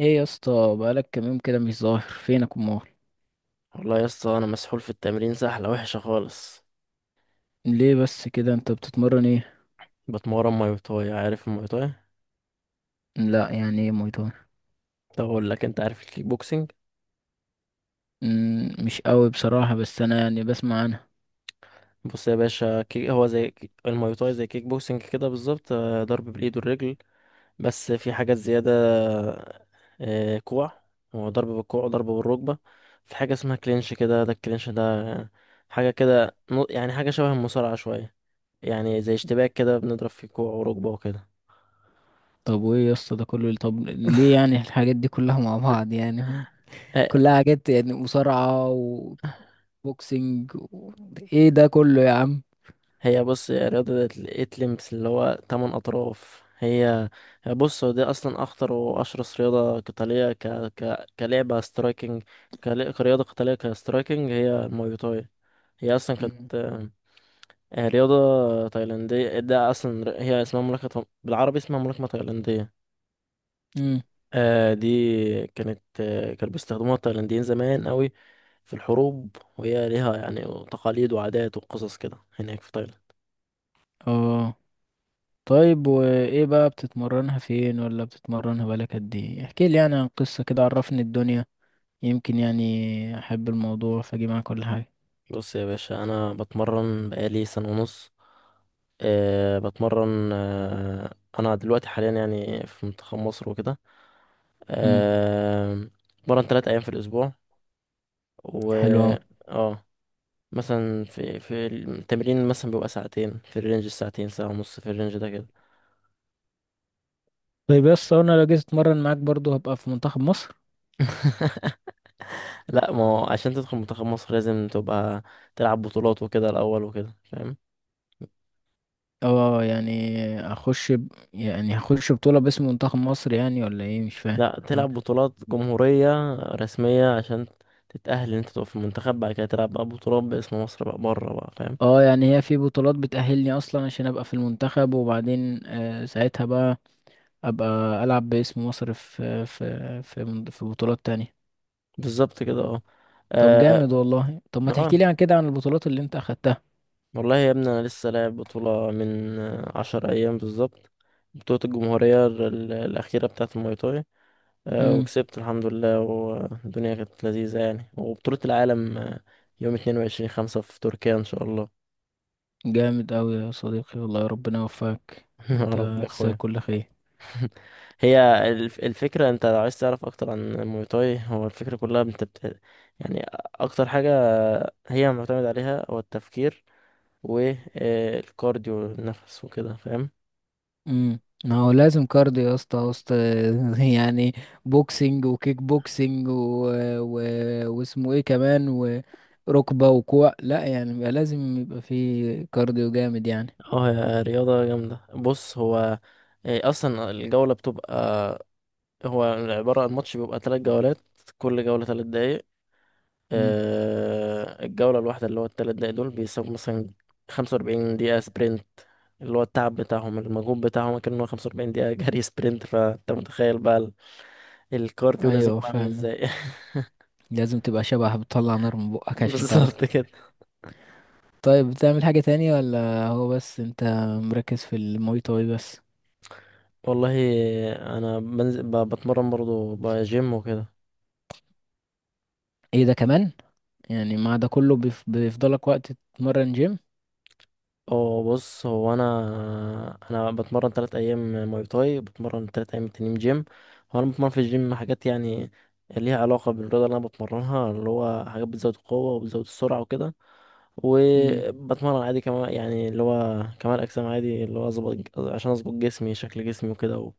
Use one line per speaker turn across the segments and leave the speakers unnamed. ايه يا اسطى، بقالك كام يوم كده مش ظاهر فينك امال؟
والله يا اسطى انا مسحول في التمرين سحله وحشه خالص.
ليه بس كده؟ انت بتتمرن ايه؟
بتمرن ماي تاي، عارف الماي تاي؟
لا، يعني ايه موي تاي؟
طب اقول لك، انت عارف الكيك بوكسنج؟
مش قوي بصراحة، بس انا يعني بسمع عنها.
بص يا باشا، هو زي الماي تاي زي كيك بوكسنج كده بالظبط، ضرب بالايد والرجل. بس في حاجات زياده. كوع. هو ضرب بالكوع وضرب بالركبه. في حاجه اسمها كلينش كده، ده الكلينش ده حاجه كده، يعني حاجه شبه المصارعه شويه، يعني زي اشتباك كده بنضرب في كوع وركبه وكده.
طب وايه يا اسطى ده كله؟ طب ليه يعني الحاجات دي كلها مع بعض يعني؟
آه،
كلها حاجات يعني مصارعة وبوكسينج. و... ايه ده كله يا عم؟
هي بص، هي رياضة الإتلمس اللي هو تمن أطراف. هي بص، هو دي أصلا أخطر وأشرس رياضة قتالية، كلعبة سترايكنج، كرياضة قتالية كسترايكنج هي المواي تاي. هي أصلا
مم.
كانت رياضة تايلاندية، ده أصلا هي اسمها ملاكمة، بالعربي اسمها ملاكمة تايلاندية.
مم.
دي كانت، كانوا بيستخدموها التايلانديين زمان قوي في الحروب، وهي ليها يعني تقاليد وعادات وقصص كده هناك في تايلاند.
اه. طيب وايه بقى؟ بتتمرنها فين ولا بتتمرنها بقالك قد ايه؟ احكي لي يعني عن قصة كده، عرفني الدنيا، يمكن يعني احب الموضوع فاجي معاك كل حاجه.
بص يا باشا، انا بتمرن بقالي 1.5 سنة. بتمرن، انا دلوقتي حاليا يعني في منتخب مصر وكده.
امم.
أه. بتمرن تلات ايام في الاسبوع و
حلو اوي.
اه مثلا في التمرين مثلا بيبقى ساعتين في الرينج، الساعتين 1.5 ساعة في الرينج ده كده.
طيب، يس، انا لو جيت اتمرن معاك برضو هبقى في منتخب مصر؟
لا، ما هو عشان تدخل منتخب مصر لازم تبقى تلعب بطولات وكده الاول وكده فاهم.
اه، يعني اخش ب... يعني هخش بطوله باسم منتخب مصر يعني، ولا ايه؟ مش فاهم
لا، تلعب
حاجه.
بطولات جمهورية رسمية عشان تتأهل ان انت تقف في المنتخب، بعد كده تلعب بقى بطولات باسم مصر بقى بره بقى فاهم.
اه يعني، هي في بطولات بتأهلني اصلا عشان ابقى في المنتخب، وبعدين ساعتها بقى ابقى العب باسم مصر في في بطولات تانية.
بالظبط كده، اه.
طب
اه.
جامد والله. طب، ما تحكي
آه.
لي عن كده، عن البطولات اللي انت اخدتها.
والله يا ابني، انا لسه لاعب بطولة من 10 ايام بالظبط، بطولة الجمهورية الأخيرة بتاعة الماي تاي.
امم.
وكسبت الحمد لله، والدنيا كانت لذيذة يعني. وبطولة العالم يوم 22/5 في تركيا إن شاء الله.
جامد أوي يا صديقي، والله ربنا يوفقك.
يا
انت
رب يا
هتستاهل
أخويا.
كل خير.
هي الفكرة، انت لو عايز تعرف اكتر عن الموي تاي، هو الفكرة كلها انت يعني اكتر حاجة هي معتمد عليها هو التفكير والكارديو، النفس وكده فاهم.
ما هو لازم كارديو يا اسطى وسط يعني بوكسنج وكيك بوكسنج و واسمه ايه كمان؟ وركبة وكوع؟ لا، يعني بيبقى لازم يبقى في كارديو جامد يعني.
اه، هي رياضة جامدة. بص، هو اصلا الجولة بتبقى، هو عبارة عن ماتش بيبقى 3 جولات، كل جولة 3 دقايق.
امم.
الجولة الواحدة اللي هو التلات دقايق دول بيساووا مثلا 45 دقيقة سبرنت، اللي هو التعب بتاعهم المجهود بتاعهم كان إن هو 45 دقيقة جري سبرنت. فأنت متخيل بقى الكارديو لازم
ايوه،
يبقى عامل
فاهم.
ازاي.
لازم تبقى شبح، بتطلع نار من بقك عشان تعرف.
بالظبط كده.
طيب، بتعمل حاجة تانية ولا هو بس انت مركز في المواي تاي بس؟
والله أنا بنزل، بتمرن برضه بقى جيم وكده.
ايه ده كمان؟ يعني مع ده كله بيفضلك وقت تتمرن جيم؟
اه، بص هو انا بتمرن 3 ايام ماي تاي، بتمرن 3 ايام تانيين جيم. هو انا بتمرن في الجيم حاجات يعني ليها علاقة بالرياضة اللي انا بتمرنها، اللي هو حاجات بتزود القوة وبتزود السرعة وكده.
مم.
وبتمرن عادي كمان يعني، اللي هو كمال اجسام عادي، اللي هو اظبط عشان اظبط جسمي شكل جسمي وكده،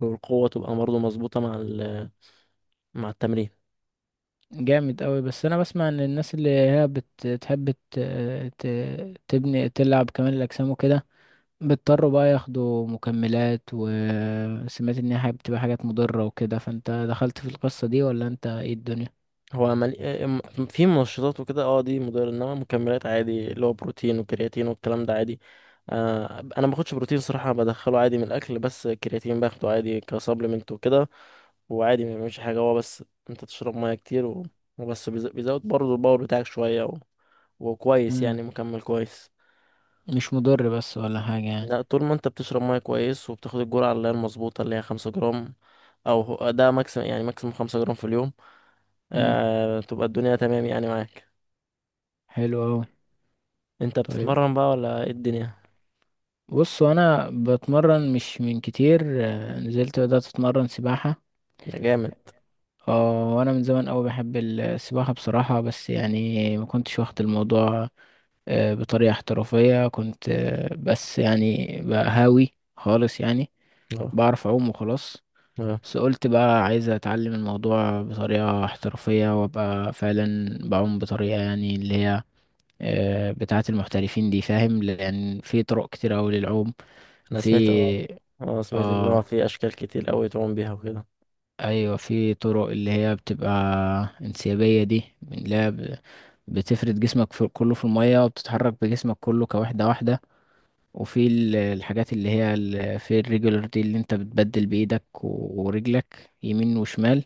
والقوة تبقى برضه مظبوطة مع مع التمرين.
جامد قوي. بس انا بسمع ان الناس اللي هي بتحب تبني تلعب كمان الاجسام وكده، بيضطروا بقى ياخدوا مكملات. وسمعت ان هي بتبقى حاجات مضرة وكده، فانت دخلت في القصة دي ولا انت؟ ايه الدنيا؟
هو ملي... ام- في منشطات وكده، اه دي مضرة، انما مكملات عادي اللي هو بروتين وكرياتين والكلام ده عادي. آه، انا ما باخدش بروتين صراحة، بدخله عادي من الاكل، بس كرياتين باخده عادي كسبلمنت وكده. وعادي ما بيعملش حاجة، هو بس انت تشرب ميه كتير وبس بيزود برضه الباور بتاعك شوية وكويس
مم.
يعني، مكمل كويس.
مش مضر بس ولا حاجة يعني؟
لا، طول ما انت بتشرب ميه كويس وبتاخد الجرعة اللي هي المظبوطة اللي هي 5 جرام، او ده ماكسيمم، يعني ماكسيمم 5 جرام في اليوم.
مم.
تبقى الدنيا تمام يعني معاك.
حلو قوي.
انت
طيب،
بتتمرن بقى ولا ايه الدنيا؟
بص انا بتمرن مش من كتير، نزلت بدأت اتمرن سباحة.
ده جامد،
اه وانا من زمان قوي بحب السباحة بصراحة، بس يعني ما كنتش واخد الموضوع بطريقة احترافية. كنت بس يعني بقى هاوي خالص يعني.
اه.
بعرف اعوم وخلاص.
اه.
بس قلت بقى عايز اتعلم الموضوع بطريقة احترافية، وابقى فعلا بعوم بطريقة يعني اللي هي بتاعة المحترفين دي، فاهم؟ لان في طرق كتير اوي للعوم.
انا سمعت، اه.
في
اه، سمعت ان هو
اه
في اشكال كتير قوي تعوم بيها وكده.
ايوه، في طرق اللي هي بتبقى انسيابيه دي، من اللي هي بتفرد جسمك في كله في الميه، وبتتحرك بجسمك كله كوحده واحده. وفي الحاجات اللي هي في الريجولر دي، اللي انت بتبدل بايدك ورجلك يمين وشمال.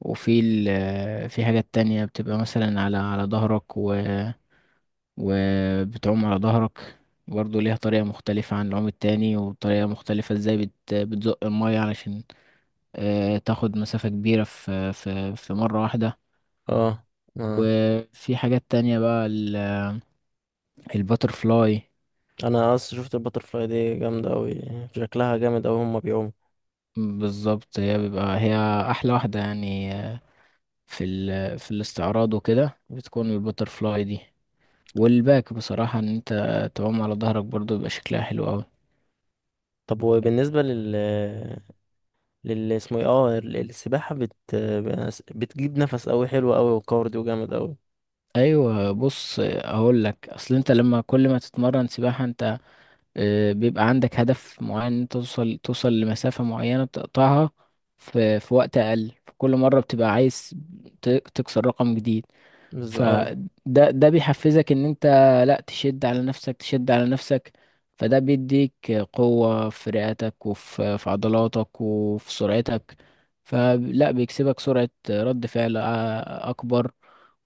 وفي في حاجات تانية بتبقى مثلا على ظهرك وبتعوم على ظهرك، برضه ليها طريقة مختلفة عن العوم التاني. وطريقة مختلفة، ازاي بتزق المية علشان تاخد مسافة كبيرة في مرة واحدة.
اه. اه،
وفي حاجات تانية بقى، الباتر فلاي.
انا اصلا شفت الباترفلاي دي جامده قوي، شكلها جامد قوي هما بيعوموا.
بالظبط، هي أحلى واحدة يعني، في في الاستعراض وكده بتكون الباتر فلاي دي. والباك بصراحة، إن أنت تعوم على ظهرك برضو، بيبقى شكلها حلو أوي.
طب وبالنسبه لل، اسمه ايه، اه السباحه، بتجيب نفس قوي، حلو قوي وكارديو جامد قوي.
أيوة، بص، أقول لك. أصل أنت لما كل ما تتمرن سباحة أنت، بيبقى عندك هدف معين إن أنت توصل لمسافة معينة بتقطعها في وقت أقل. فكل مرة بتبقى عايز تكسر رقم جديد.
اه.
فده ده بيحفزك إن أنت، لأ، تشد على نفسك، تشد على نفسك. فده بيديك قوة في رئتك وفي عضلاتك وفي سرعتك. فلا بيكسبك سرعة رد فعل أكبر،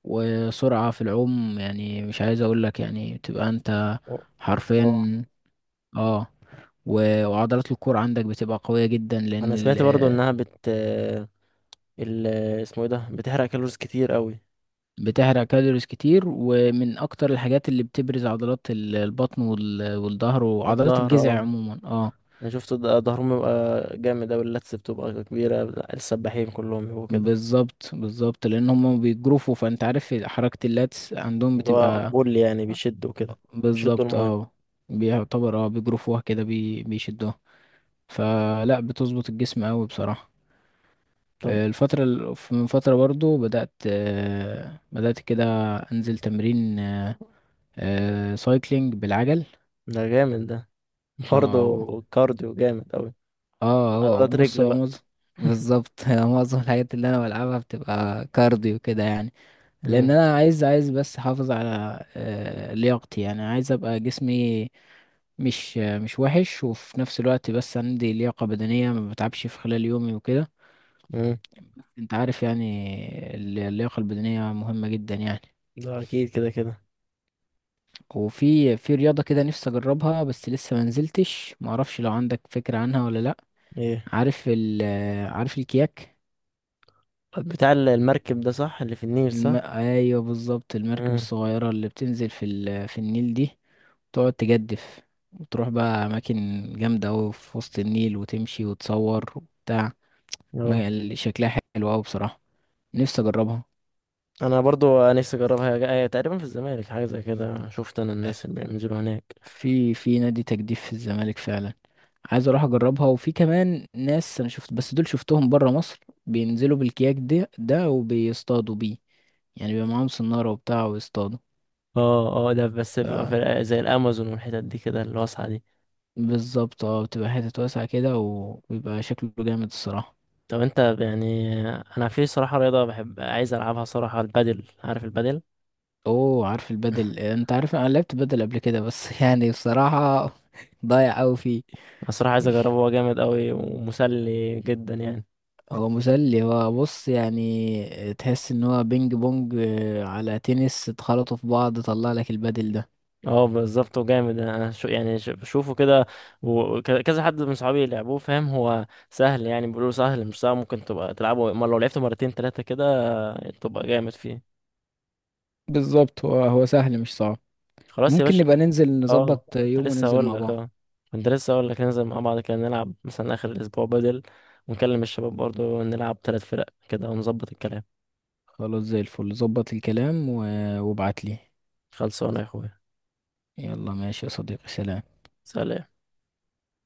وسرعة في العوم، يعني مش عايز أقولك، يعني بتبقى أنت حرفيا.
اه،
اه. وعضلات الكور عندك بتبقى قوية جدا لأن
انا سمعت برضو انها ال، اسمه ايه ده، بتحرق كالوريز كتير قوي.
بتحرق كالوريز كتير، ومن أكتر الحاجات اللي بتبرز عضلات البطن والظهر، وعضلات
الظهر،
الجذع
اه،
عموما. اه.
انا شفت ظهرهم بيبقى جامد اوي، اللتس بتبقى كبيرة، السباحين كلهم بيبقوا كده.
بالظبط، بالظبط، لأن هما بيجروفوا فأنت عارف حركة اللاتس عندهم
اللي هو
بتبقى.
بول يعني، بيشدوا كده، بيشدوا
بالظبط،
الماية.
بيعتبر، بيجروفوها كده، بيشدوها. فلا بتظبط الجسم أوي بصراحة.
طب
الفترة، من فترة برضو بدأت كده أنزل تمرين سايكلينج بالعجل.
ده جامد ده، برضه،
اه،
كارديو جامد اوي،
اه.
وعضلات
بص
رجل
هو
بقى.
معظم بالظبط. معظم الحاجات اللي انا بلعبها بتبقى كارديو كده يعني. لان
مم.
انا عايز بس احافظ على لياقتي يعني. عايز ابقى جسمي مش وحش، وفي نفس الوقت بس عندي لياقة بدنية ما بتعبش في خلال يومي وكده.
مم.
انت عارف يعني اللياقة البدنية مهمة جدا يعني.
ده اكيد كده كده.
وفي رياضة كده نفسي اجربها، بس لسه ما نزلتش، ما اعرفش لو عندك فكرة عنها ولا لا؟
ايه،
عارف ال عارف الكياك؟
بتاع المركب ده صح، اللي في النيل صح؟
ايوه، بالظبط المركب
امم.
الصغيرة اللي بتنزل في في النيل دي. تقعد تجدف، وتروح بقى أماكن جامدة أوي في وسط النيل، وتمشي وتصور وبتاع.
اه،
شكلها حلو أوي بصراحة. نفسي أجربها.
انا برضو نفسي اجربها، هي تقريبا في الزمالك حاجه زي كده، شفت انا الناس اللي بينزلوا هناك.
في نادي تجديف في الزمالك فعلا، عايز أروح أجربها. وفي كمان ناس أنا شفت، بس دول شفتهم برا مصر بينزلوا بالكياك ده وبيصطادوا بيه، يعني بيبقى معاهم سنارة وبتاع ويصطادوا.
اه. اه، ده بس بيبقى في زي الامازون والحتت دي كده الواسعه دي.
بالظبط، اه، بتبقى حتت واسعة كده وبيبقى شكله جامد الصراحة.
طب انت يعني، انا في صراحه رياضه بحب عايز العبها صراحه، البادل، عارف البادل؟
اوه، عارف البدل. انت عارف، انا لعبت بدل قبل كده، بس يعني بصراحة ضايع اوي فيه.
انا صراحه عايز
إيش.
اجربه، هو جامد قوي ومسلي جدا يعني.
هو مسلي. هو بص يعني، تحس ان هو بينج بونج على تنس اتخلطوا في بعض، طلع لك البدل ده.
اه بالظبط وجامد، انا شو يعني، بشوفه كده، وكذا حد من صحابي لعبوه فاهم، هو سهل يعني، بيقولوا سهل مش صعب، ممكن تبقى تلعبه، اما لو لعبته مرتين تلاتة كده تبقى جامد فيه.
بالظبط، هو سهل مش صعب.
خلاص يا
ممكن
باشا.
نبقى ننزل،
اه،
نظبط
كنت
يوم،
لسه
وننزل
هقول
مع
لك،
بعض.
اه، كنت لسه هقول لك ننزل مع بعض كده نلعب مثلا اخر الاسبوع بدل، ونكلم الشباب برضه نلعب 3 فرق كده ونظبط الكلام.
خلاص، زي الفل. ظبط الكلام وابعت لي.
خلصانة يا اخويا.
يلا ماشي يا صديقي، سلام.
سلام.